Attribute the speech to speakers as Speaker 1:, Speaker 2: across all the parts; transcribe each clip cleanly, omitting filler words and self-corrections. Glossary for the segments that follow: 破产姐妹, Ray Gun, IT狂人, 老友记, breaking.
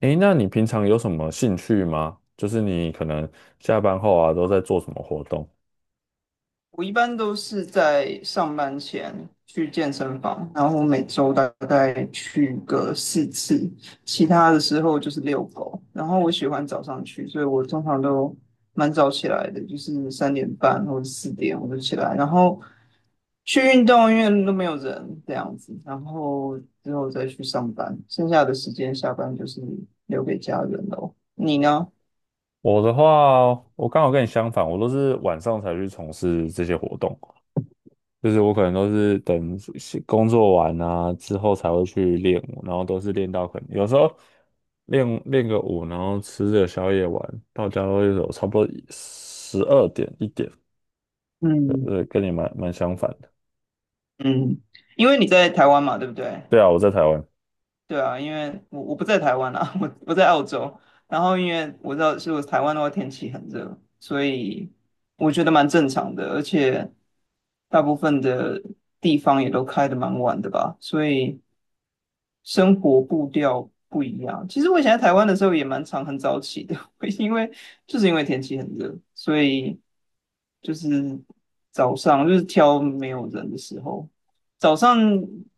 Speaker 1: 诶，那你平常有什么兴趣吗？就是你可能下班后啊，都在做什么活动？
Speaker 2: 我一般都是在上班前去健身房，然后我每周大概去个4次。其他的时候就是遛狗。然后我喜欢早上去，所以我通常都蛮早起来的，就是3:30或者4点我就起来，然后去运动，因为都没有人这样子，然后之后再去上班，剩下的时间下班就是留给家人喽。你呢？
Speaker 1: 我的话哦，我刚好跟你相反，我都是晚上才去从事这些活动，就是我可能都是等工作完啊之后才会去练舞，然后都是练到可能有时候练练个舞，然后吃个宵夜玩，到家都有差不多十二点一点，
Speaker 2: 嗯
Speaker 1: 跟你蛮相反的。
Speaker 2: 嗯，因为你在台湾嘛，对不对？
Speaker 1: 对啊，我在台湾。
Speaker 2: 对啊，因为我不在台湾啊，我在澳洲。然后因为我知道，是我台湾的话天气很热，所以我觉得蛮正常的，而且大部分的地方也都开得蛮晚的吧，所以生活步调不一样。其实我以前在台湾的时候也蛮常很早起的，因为就是因为天气很热，所以就是早上，就是挑没有人的时候。早上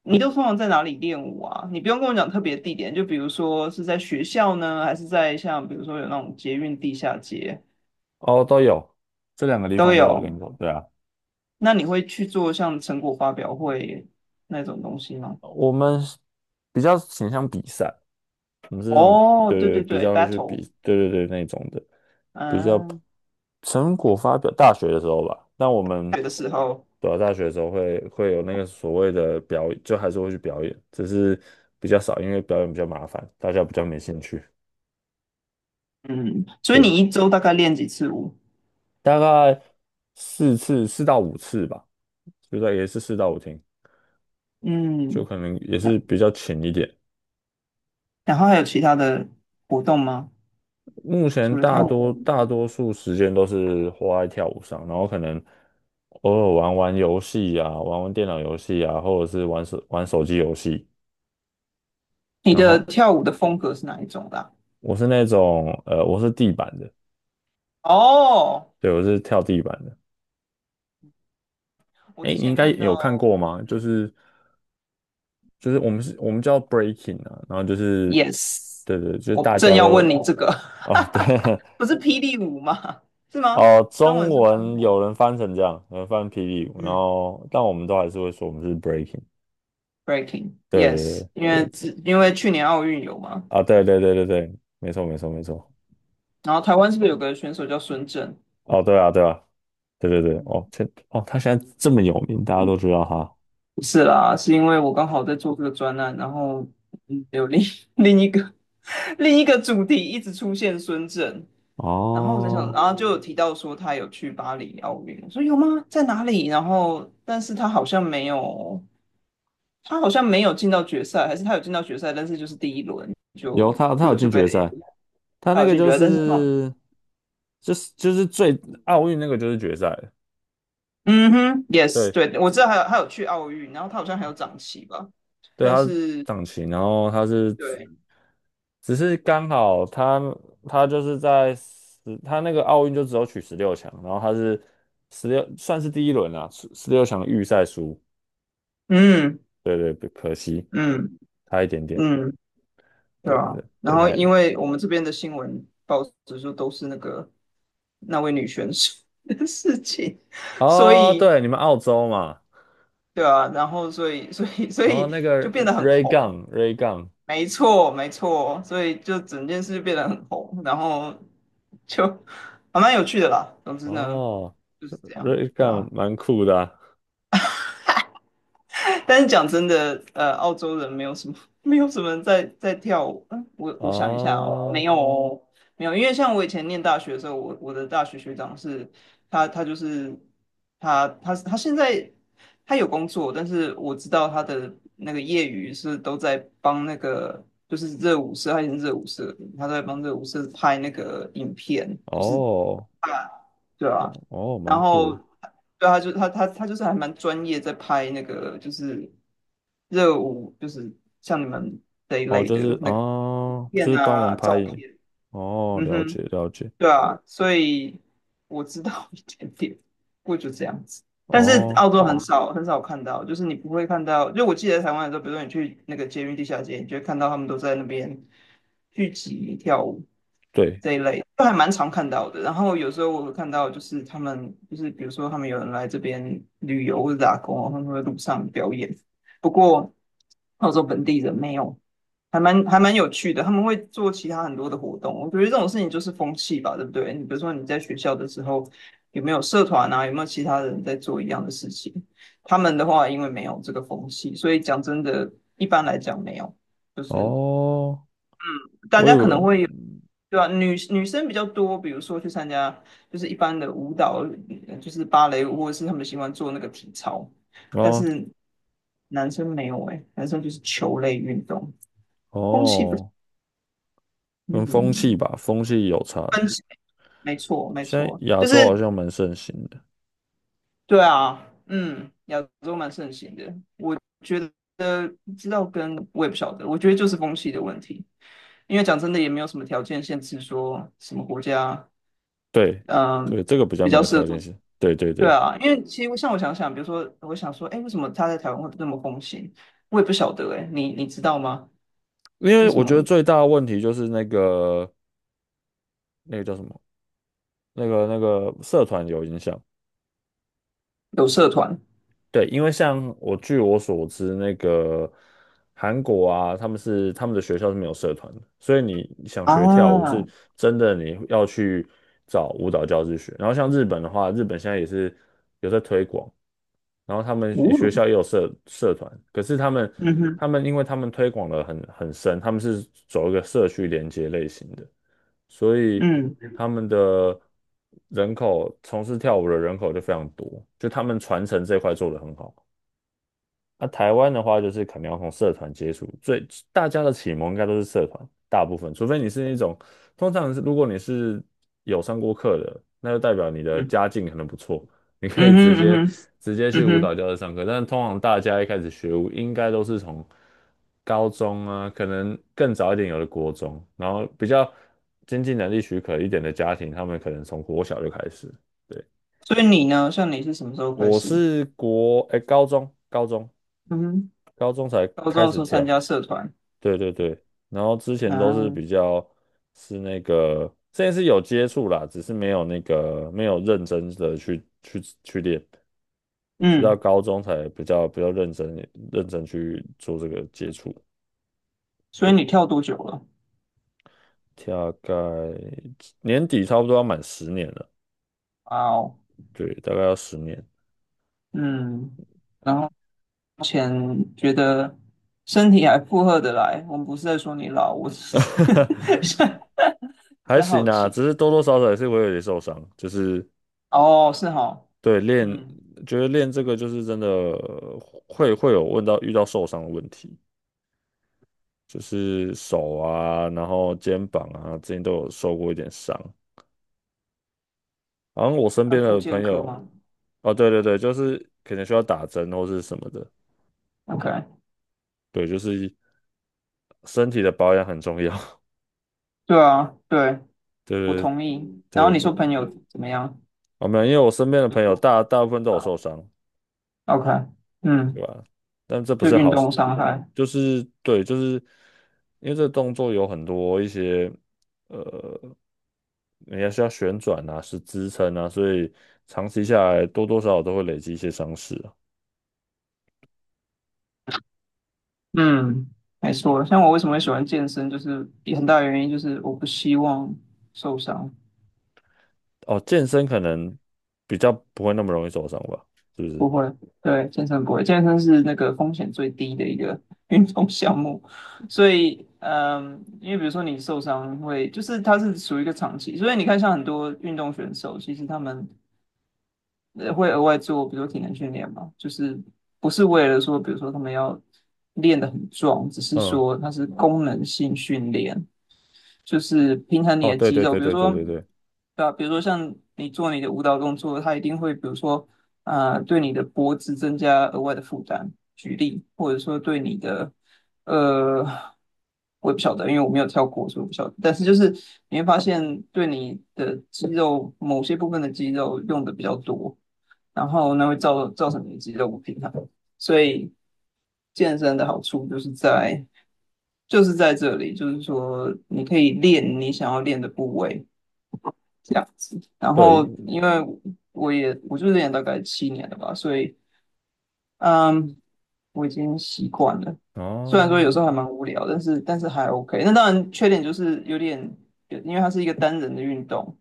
Speaker 2: 你都通常在哪里练舞啊？你不用跟我讲特别地点，就比如说是在学校呢，还是在像比如说有那种捷运地下街
Speaker 1: 哦，都有，这两个地
Speaker 2: 都
Speaker 1: 方都有
Speaker 2: 有。
Speaker 1: 练过，对啊。
Speaker 2: 那你会去做像成果发表会那种东西吗？
Speaker 1: 我们是比较倾向比赛，我们是那种
Speaker 2: 哦，
Speaker 1: 对
Speaker 2: 对
Speaker 1: 对
Speaker 2: 对
Speaker 1: 比
Speaker 2: 对
Speaker 1: 较去比
Speaker 2: ，battle，
Speaker 1: 对对对那种的，比较
Speaker 2: 嗯，
Speaker 1: 成果发表大学的时候吧。但我们
Speaker 2: 学的时候，
Speaker 1: 对啊，大学的时候会有那个所谓的表演，就还是会去表演，只是比较少，因为表演比较麻烦，大家比较没兴趣。
Speaker 2: 嗯，所以
Speaker 1: 对，
Speaker 2: 你一周大概练几次舞？
Speaker 1: 大概四次四到五次吧，就在也是四到五天，就
Speaker 2: 嗯，
Speaker 1: 可能也是
Speaker 2: 那
Speaker 1: 比较浅一点。
Speaker 2: 然后还有其他的活动吗？
Speaker 1: 目
Speaker 2: 除
Speaker 1: 前
Speaker 2: 了
Speaker 1: 大
Speaker 2: 跳
Speaker 1: 多
Speaker 2: 舞？
Speaker 1: 大多数时间都是花在跳舞上，然后可能偶尔玩玩游戏啊，玩玩电脑游戏啊，或者是玩手机游戏。
Speaker 2: 你
Speaker 1: 然
Speaker 2: 的
Speaker 1: 后
Speaker 2: 跳舞的风格是哪一种啦？
Speaker 1: 我是那种我是地板的，
Speaker 2: 哦，
Speaker 1: 对，我是跳地板的。
Speaker 2: 我
Speaker 1: 哎，
Speaker 2: 之
Speaker 1: 你应
Speaker 2: 前
Speaker 1: 该
Speaker 2: 看到
Speaker 1: 有看过吗？就是就是我们是我们叫 breaking 啊，然后就是
Speaker 2: ，yes，
Speaker 1: 对对，就是
Speaker 2: 我
Speaker 1: 大
Speaker 2: 正
Speaker 1: 家
Speaker 2: 要
Speaker 1: 都
Speaker 2: 问你这个。
Speaker 1: 啊对。
Speaker 2: 不是霹雳舞吗？是 吗？
Speaker 1: 哦，
Speaker 2: 中
Speaker 1: 中
Speaker 2: 文是翻
Speaker 1: 文
Speaker 2: 跳，
Speaker 1: 有人翻成这样，有人翻霹雳舞，然
Speaker 2: 嗯
Speaker 1: 后但我们都还是会说我们是 breaking。对对
Speaker 2: ，breaking，yes，
Speaker 1: 对，
Speaker 2: 因为之因为去年奥运有嘛，
Speaker 1: 啊，对对对对对，没错没错没错。
Speaker 2: 然后台湾是不是有个选手叫孙正？
Speaker 1: 哦，对啊对啊，对对对，哦，这。哦，他现在这么有名，大家都知道他。
Speaker 2: 不是啦，是因为我刚好在做这个专案，然后有另 另一个 另一个主题一直出现孙正，然后我在想，
Speaker 1: 哦，
Speaker 2: 然后就有哦提到说他有去巴黎奥运，我说有吗？在哪里？然后，但是他好像没有，他好像没有进到决赛，还是他有进到决赛，但是就是第一轮
Speaker 1: 有。
Speaker 2: 就
Speaker 1: 他有
Speaker 2: 就就
Speaker 1: 进
Speaker 2: 被
Speaker 1: 决赛，他
Speaker 2: 他
Speaker 1: 那
Speaker 2: 有
Speaker 1: 个
Speaker 2: 进
Speaker 1: 就
Speaker 2: 决赛，但是好，
Speaker 1: 是最奥运那个就是决赛了。
Speaker 2: 嗯哼，yes，
Speaker 1: 对
Speaker 2: 对，我知道还有去奥运，然后他好像还有长旗吧，
Speaker 1: 对，
Speaker 2: 但
Speaker 1: 他是
Speaker 2: 是
Speaker 1: 掌旗，然后
Speaker 2: 对，
Speaker 1: 只是刚好他就是他那个奥运就只有取十六强，然后他是十六算是第一轮啊，十六强预赛输，
Speaker 2: 嗯
Speaker 1: 对对，可惜。
Speaker 2: 嗯
Speaker 1: 差一点点，
Speaker 2: 嗯，对
Speaker 1: 对对
Speaker 2: 啊，
Speaker 1: 对，
Speaker 2: 然后因为我们这边的新闻报纸就都是那个那位女选手的事情。所
Speaker 1: 哦，
Speaker 2: 以
Speaker 1: 对，你们澳洲嘛，
Speaker 2: 对啊，然后所以 所以所
Speaker 1: 哦，
Speaker 2: 以
Speaker 1: 那
Speaker 2: 就
Speaker 1: 个
Speaker 2: 变得很
Speaker 1: Ray
Speaker 2: 红，
Speaker 1: Gun Ray Gun。
Speaker 2: 没错没错，所以就整件事变得很红，然后就还蛮有趣的啦。总之呢，
Speaker 1: 哦
Speaker 2: 就是这样，
Speaker 1: ，Ray
Speaker 2: 对
Speaker 1: Gun
Speaker 2: 啊。
Speaker 1: 蛮酷的啊。
Speaker 2: 但是讲真的，澳洲人没有什么，没有什么人在跳舞。嗯，我想一下哦，没
Speaker 1: 哦
Speaker 2: 有哦，没有，因为像我以前念大学的时候，我的大学学长是，他就是他现在他有工作，但是我知道他的那个业余是都在帮那个就是热舞社，他以前是热舞社的，他都在帮热舞社拍那个影片，就是
Speaker 1: 哦
Speaker 2: 啊，对啊，
Speaker 1: 哦，
Speaker 2: 然
Speaker 1: 蛮酷
Speaker 2: 后
Speaker 1: 的，
Speaker 2: 对他就他就是还蛮专业，在拍那个就是热舞，就是像你们这一
Speaker 1: 哦，
Speaker 2: 类
Speaker 1: 就
Speaker 2: 的
Speaker 1: 是
Speaker 2: 那个影
Speaker 1: 哦，就
Speaker 2: 片
Speaker 1: 是帮
Speaker 2: 啊、
Speaker 1: 忙
Speaker 2: 照
Speaker 1: 拍影。
Speaker 2: 片。
Speaker 1: 哦，
Speaker 2: 嗯
Speaker 1: 了解
Speaker 2: 哼，
Speaker 1: 了解，
Speaker 2: 对啊，所以我知道 一点点，不过就这样子。但是
Speaker 1: 哦，
Speaker 2: 澳洲很哦少很少看到，就是你不会看到。就我记得在台湾的时候，比如说你去那个捷运地下街，你就会看到他们都在那边聚集跳舞
Speaker 1: 对，
Speaker 2: 这一类，都还蛮常看到的。然后有时候我会看到，就是他们就是比如说他们有人来这边旅游或者打工，他们会路上表演。不过澳洲本地人没有，还蛮有趣的，他们会做其他很多的活动。我觉得这种事情就是风气吧，对不对？你比如说你在学校的时候，有没有社团啊？有没有其他人在做一样的事情？他们的话，因为没有这个风气，所以讲真的，一般来讲没有，就是
Speaker 1: 哦，
Speaker 2: 大
Speaker 1: 我以
Speaker 2: 家
Speaker 1: 为，
Speaker 2: 可能会有，对吧？女生比较多，比如说去参加就是一般的舞蹈，就是芭蕾舞，或者是他们喜欢做那个体操，但
Speaker 1: 哦
Speaker 2: 是男生没有哎、男生就是球类运动，风气不，
Speaker 1: 哦，跟风气
Speaker 2: 嗯。
Speaker 1: 吧，风气有差，
Speaker 2: 分歧，没错，没
Speaker 1: 现在
Speaker 2: 错，
Speaker 1: 亚
Speaker 2: 就
Speaker 1: 洲
Speaker 2: 是
Speaker 1: 好像蛮盛行的。
Speaker 2: 对啊，嗯，亚洲蛮盛行的，我觉得不知道跟我也不晓得，我觉得就是风气的问题，因为讲真的也没有什么条件限制说什么国家，
Speaker 1: 对
Speaker 2: 嗯，
Speaker 1: 对，这个比较
Speaker 2: 比
Speaker 1: 没
Speaker 2: 较
Speaker 1: 有
Speaker 2: 适合
Speaker 1: 条
Speaker 2: 做，
Speaker 1: 件性。对对
Speaker 2: 对
Speaker 1: 对，
Speaker 2: 啊，因为其实像我想想，比如说我想说，哎，为什么他在台湾会这么风行？我也不晓得，哎，你你知道吗？
Speaker 1: 因为
Speaker 2: 为什
Speaker 1: 我觉得
Speaker 2: 么
Speaker 1: 最大的问题就是那个那个叫什么，那个社团有影响，
Speaker 2: 有社团
Speaker 1: 对，因为像我据我所知，那个韩国啊，他们的学校是没有社团的，所以你想学跳舞是
Speaker 2: 啊？
Speaker 1: 真的你要去找舞蹈教室学。然后像日本的话，日本现在也是有在推广，然后他们学
Speaker 2: 哦，
Speaker 1: 校也有社团，可是他们
Speaker 2: 嗯哼，
Speaker 1: 他们因为他们推广的很深，他们是走一个社区连接类型的。所以
Speaker 2: 嗯
Speaker 1: 他们的人口从事跳舞的人口就非常多，就他们传承这块做的很好。那、台湾的话，就是可能要从社团接触，最大家的启蒙应该都是社团，大部分，除非你是那种，通常是如果你是有上过课的，那就代表你的
Speaker 2: 嗯
Speaker 1: 家境可能不错，你可
Speaker 2: 嗯
Speaker 1: 以直接
Speaker 2: 哼嗯哼
Speaker 1: 直接去
Speaker 2: 嗯
Speaker 1: 舞
Speaker 2: 哼。
Speaker 1: 蹈教室上课。但是通常大家一开始学舞，应该都是从高中啊，可能更早一点有的国中，然后比较经济能力许可一点的家庭，他们可能从国小就开始。对，
Speaker 2: 所以你呢？像你是什么时候开
Speaker 1: 我
Speaker 2: 始？
Speaker 1: 是国，哎，
Speaker 2: 嗯哼，
Speaker 1: 高中才
Speaker 2: 高
Speaker 1: 开
Speaker 2: 中的时
Speaker 1: 始
Speaker 2: 候参
Speaker 1: 跳。
Speaker 2: 加社团，
Speaker 1: 对对对，然后之前都是
Speaker 2: 啊。
Speaker 1: 比较是那个，之前是有接触啦，只是没有那个没有认真的去练，直到
Speaker 2: 嗯，
Speaker 1: 高中才比较认真去做这个接触。
Speaker 2: 所以
Speaker 1: 对，
Speaker 2: 你跳多久了？
Speaker 1: 大概年底差不多要满十年了，
Speaker 2: 啊，哦，
Speaker 1: 对，大概要十年，
Speaker 2: 嗯，然后目前觉得身体还负荷得来，我们不是在说你老，我只是 在
Speaker 1: 还
Speaker 2: 是
Speaker 1: 行
Speaker 2: 好
Speaker 1: 啦，
Speaker 2: 奇。
Speaker 1: 只是多多少少也是会有点受伤，就是
Speaker 2: 哦，是哈，
Speaker 1: 对练，
Speaker 2: 嗯，
Speaker 1: 觉得练这个就是真的会有遇到受伤的问题。就是手啊，然后肩膀啊，之前都有受过一点伤。然后我身
Speaker 2: 按
Speaker 1: 边
Speaker 2: 复
Speaker 1: 的
Speaker 2: 健
Speaker 1: 朋
Speaker 2: 科
Speaker 1: 友，
Speaker 2: 吗
Speaker 1: 哦，对对对，就是可能需要打针或是什么的，
Speaker 2: ？OK，
Speaker 1: 对，就是身体的保养很重要。
Speaker 2: 对啊，对，我
Speaker 1: 对对
Speaker 2: 同意。然后
Speaker 1: 对，
Speaker 2: 你
Speaker 1: 不，
Speaker 2: 说朋友怎么样
Speaker 1: 啊没有，因为我身边的朋友大部分都有受伤，
Speaker 2: ？OK，
Speaker 1: 对
Speaker 2: 嗯，
Speaker 1: 吧？但这不
Speaker 2: 就
Speaker 1: 是
Speaker 2: 运
Speaker 1: 好事，
Speaker 2: 动伤害。
Speaker 1: 就是对，就是因为这个动作有很多一些呃，你还需要旋转呐，是支撑呐，所以长期下来多多少少都会累积一些伤势啊。
Speaker 2: 嗯，没错。像我为什么会喜欢健身，就是有很大原因就是我不希望受伤。
Speaker 1: 哦，健身可能比较不会那么容易受伤吧，是不是？
Speaker 2: 不会，对，健身不会，健身是那个风险最低的一个 运动项目。所以，嗯，因为比如说你受伤会，就是它是属于一个长期，所以你看像很多运动选手，其实他们会额外做，比如说体能训练嘛，就是不是为了说，比如说他们要练得很壮，只是
Speaker 1: 嗯，
Speaker 2: 说它是功能性训练，就是平衡你
Speaker 1: 哦，
Speaker 2: 的
Speaker 1: 对
Speaker 2: 肌
Speaker 1: 对
Speaker 2: 肉，
Speaker 1: 对
Speaker 2: 比如
Speaker 1: 对对
Speaker 2: 说，
Speaker 1: 对对
Speaker 2: 对吧？比如说像你做你的舞蹈动作，它一定会，比如说，对你的脖子增加额外的负担，举例，或者说对你的，呃，我也不晓得，因为我没有跳过，所以我不晓得。但是就是你会发现，对你的肌肉某些部分的肌肉用的比较多，然后那会造造成你肌肉不平衡。所以健身的好处就是在就是在这里，就是说你可以练你想要练的部位这样子。然
Speaker 1: 对，
Speaker 2: 后因为我也就练大概7年了吧，所以嗯，我已经习惯了。虽然说有时
Speaker 1: 哦
Speaker 2: 候还蛮无聊，但是还 OK。那当然缺点就是有点，因为它是一个单人的运动，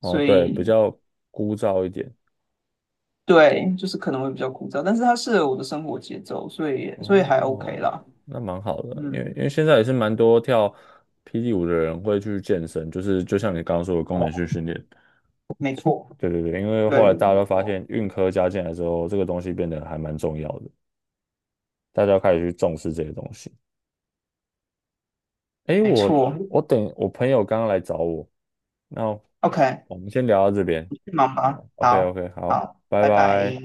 Speaker 1: 哦，
Speaker 2: 所
Speaker 1: 对，比
Speaker 2: 以
Speaker 1: 较枯燥一点。
Speaker 2: 对，就是可能会比较枯燥，但是它适合我的生活节奏，所以还 OK
Speaker 1: 哦，
Speaker 2: 啦。
Speaker 1: 那蛮好的，因为
Speaker 2: 嗯，
Speaker 1: 因为现在也是蛮多跳霹雳舞的人会去健身，就是就像你刚刚说的功能性训练。
Speaker 2: 没错，
Speaker 1: 对对对，因为
Speaker 2: 对，
Speaker 1: 后来大家都发现运科加进来之后，这个东西变得还蛮重要的，大家开始去重视这些东西。诶，
Speaker 2: 没
Speaker 1: 我
Speaker 2: 错。
Speaker 1: 我等我朋友刚刚来找我，那
Speaker 2: OK，
Speaker 1: 我们先聊到这边。
Speaker 2: 你去忙吧。
Speaker 1: OK
Speaker 2: 好，
Speaker 1: OK，好，
Speaker 2: 好，
Speaker 1: 拜
Speaker 2: 拜拜。
Speaker 1: 拜。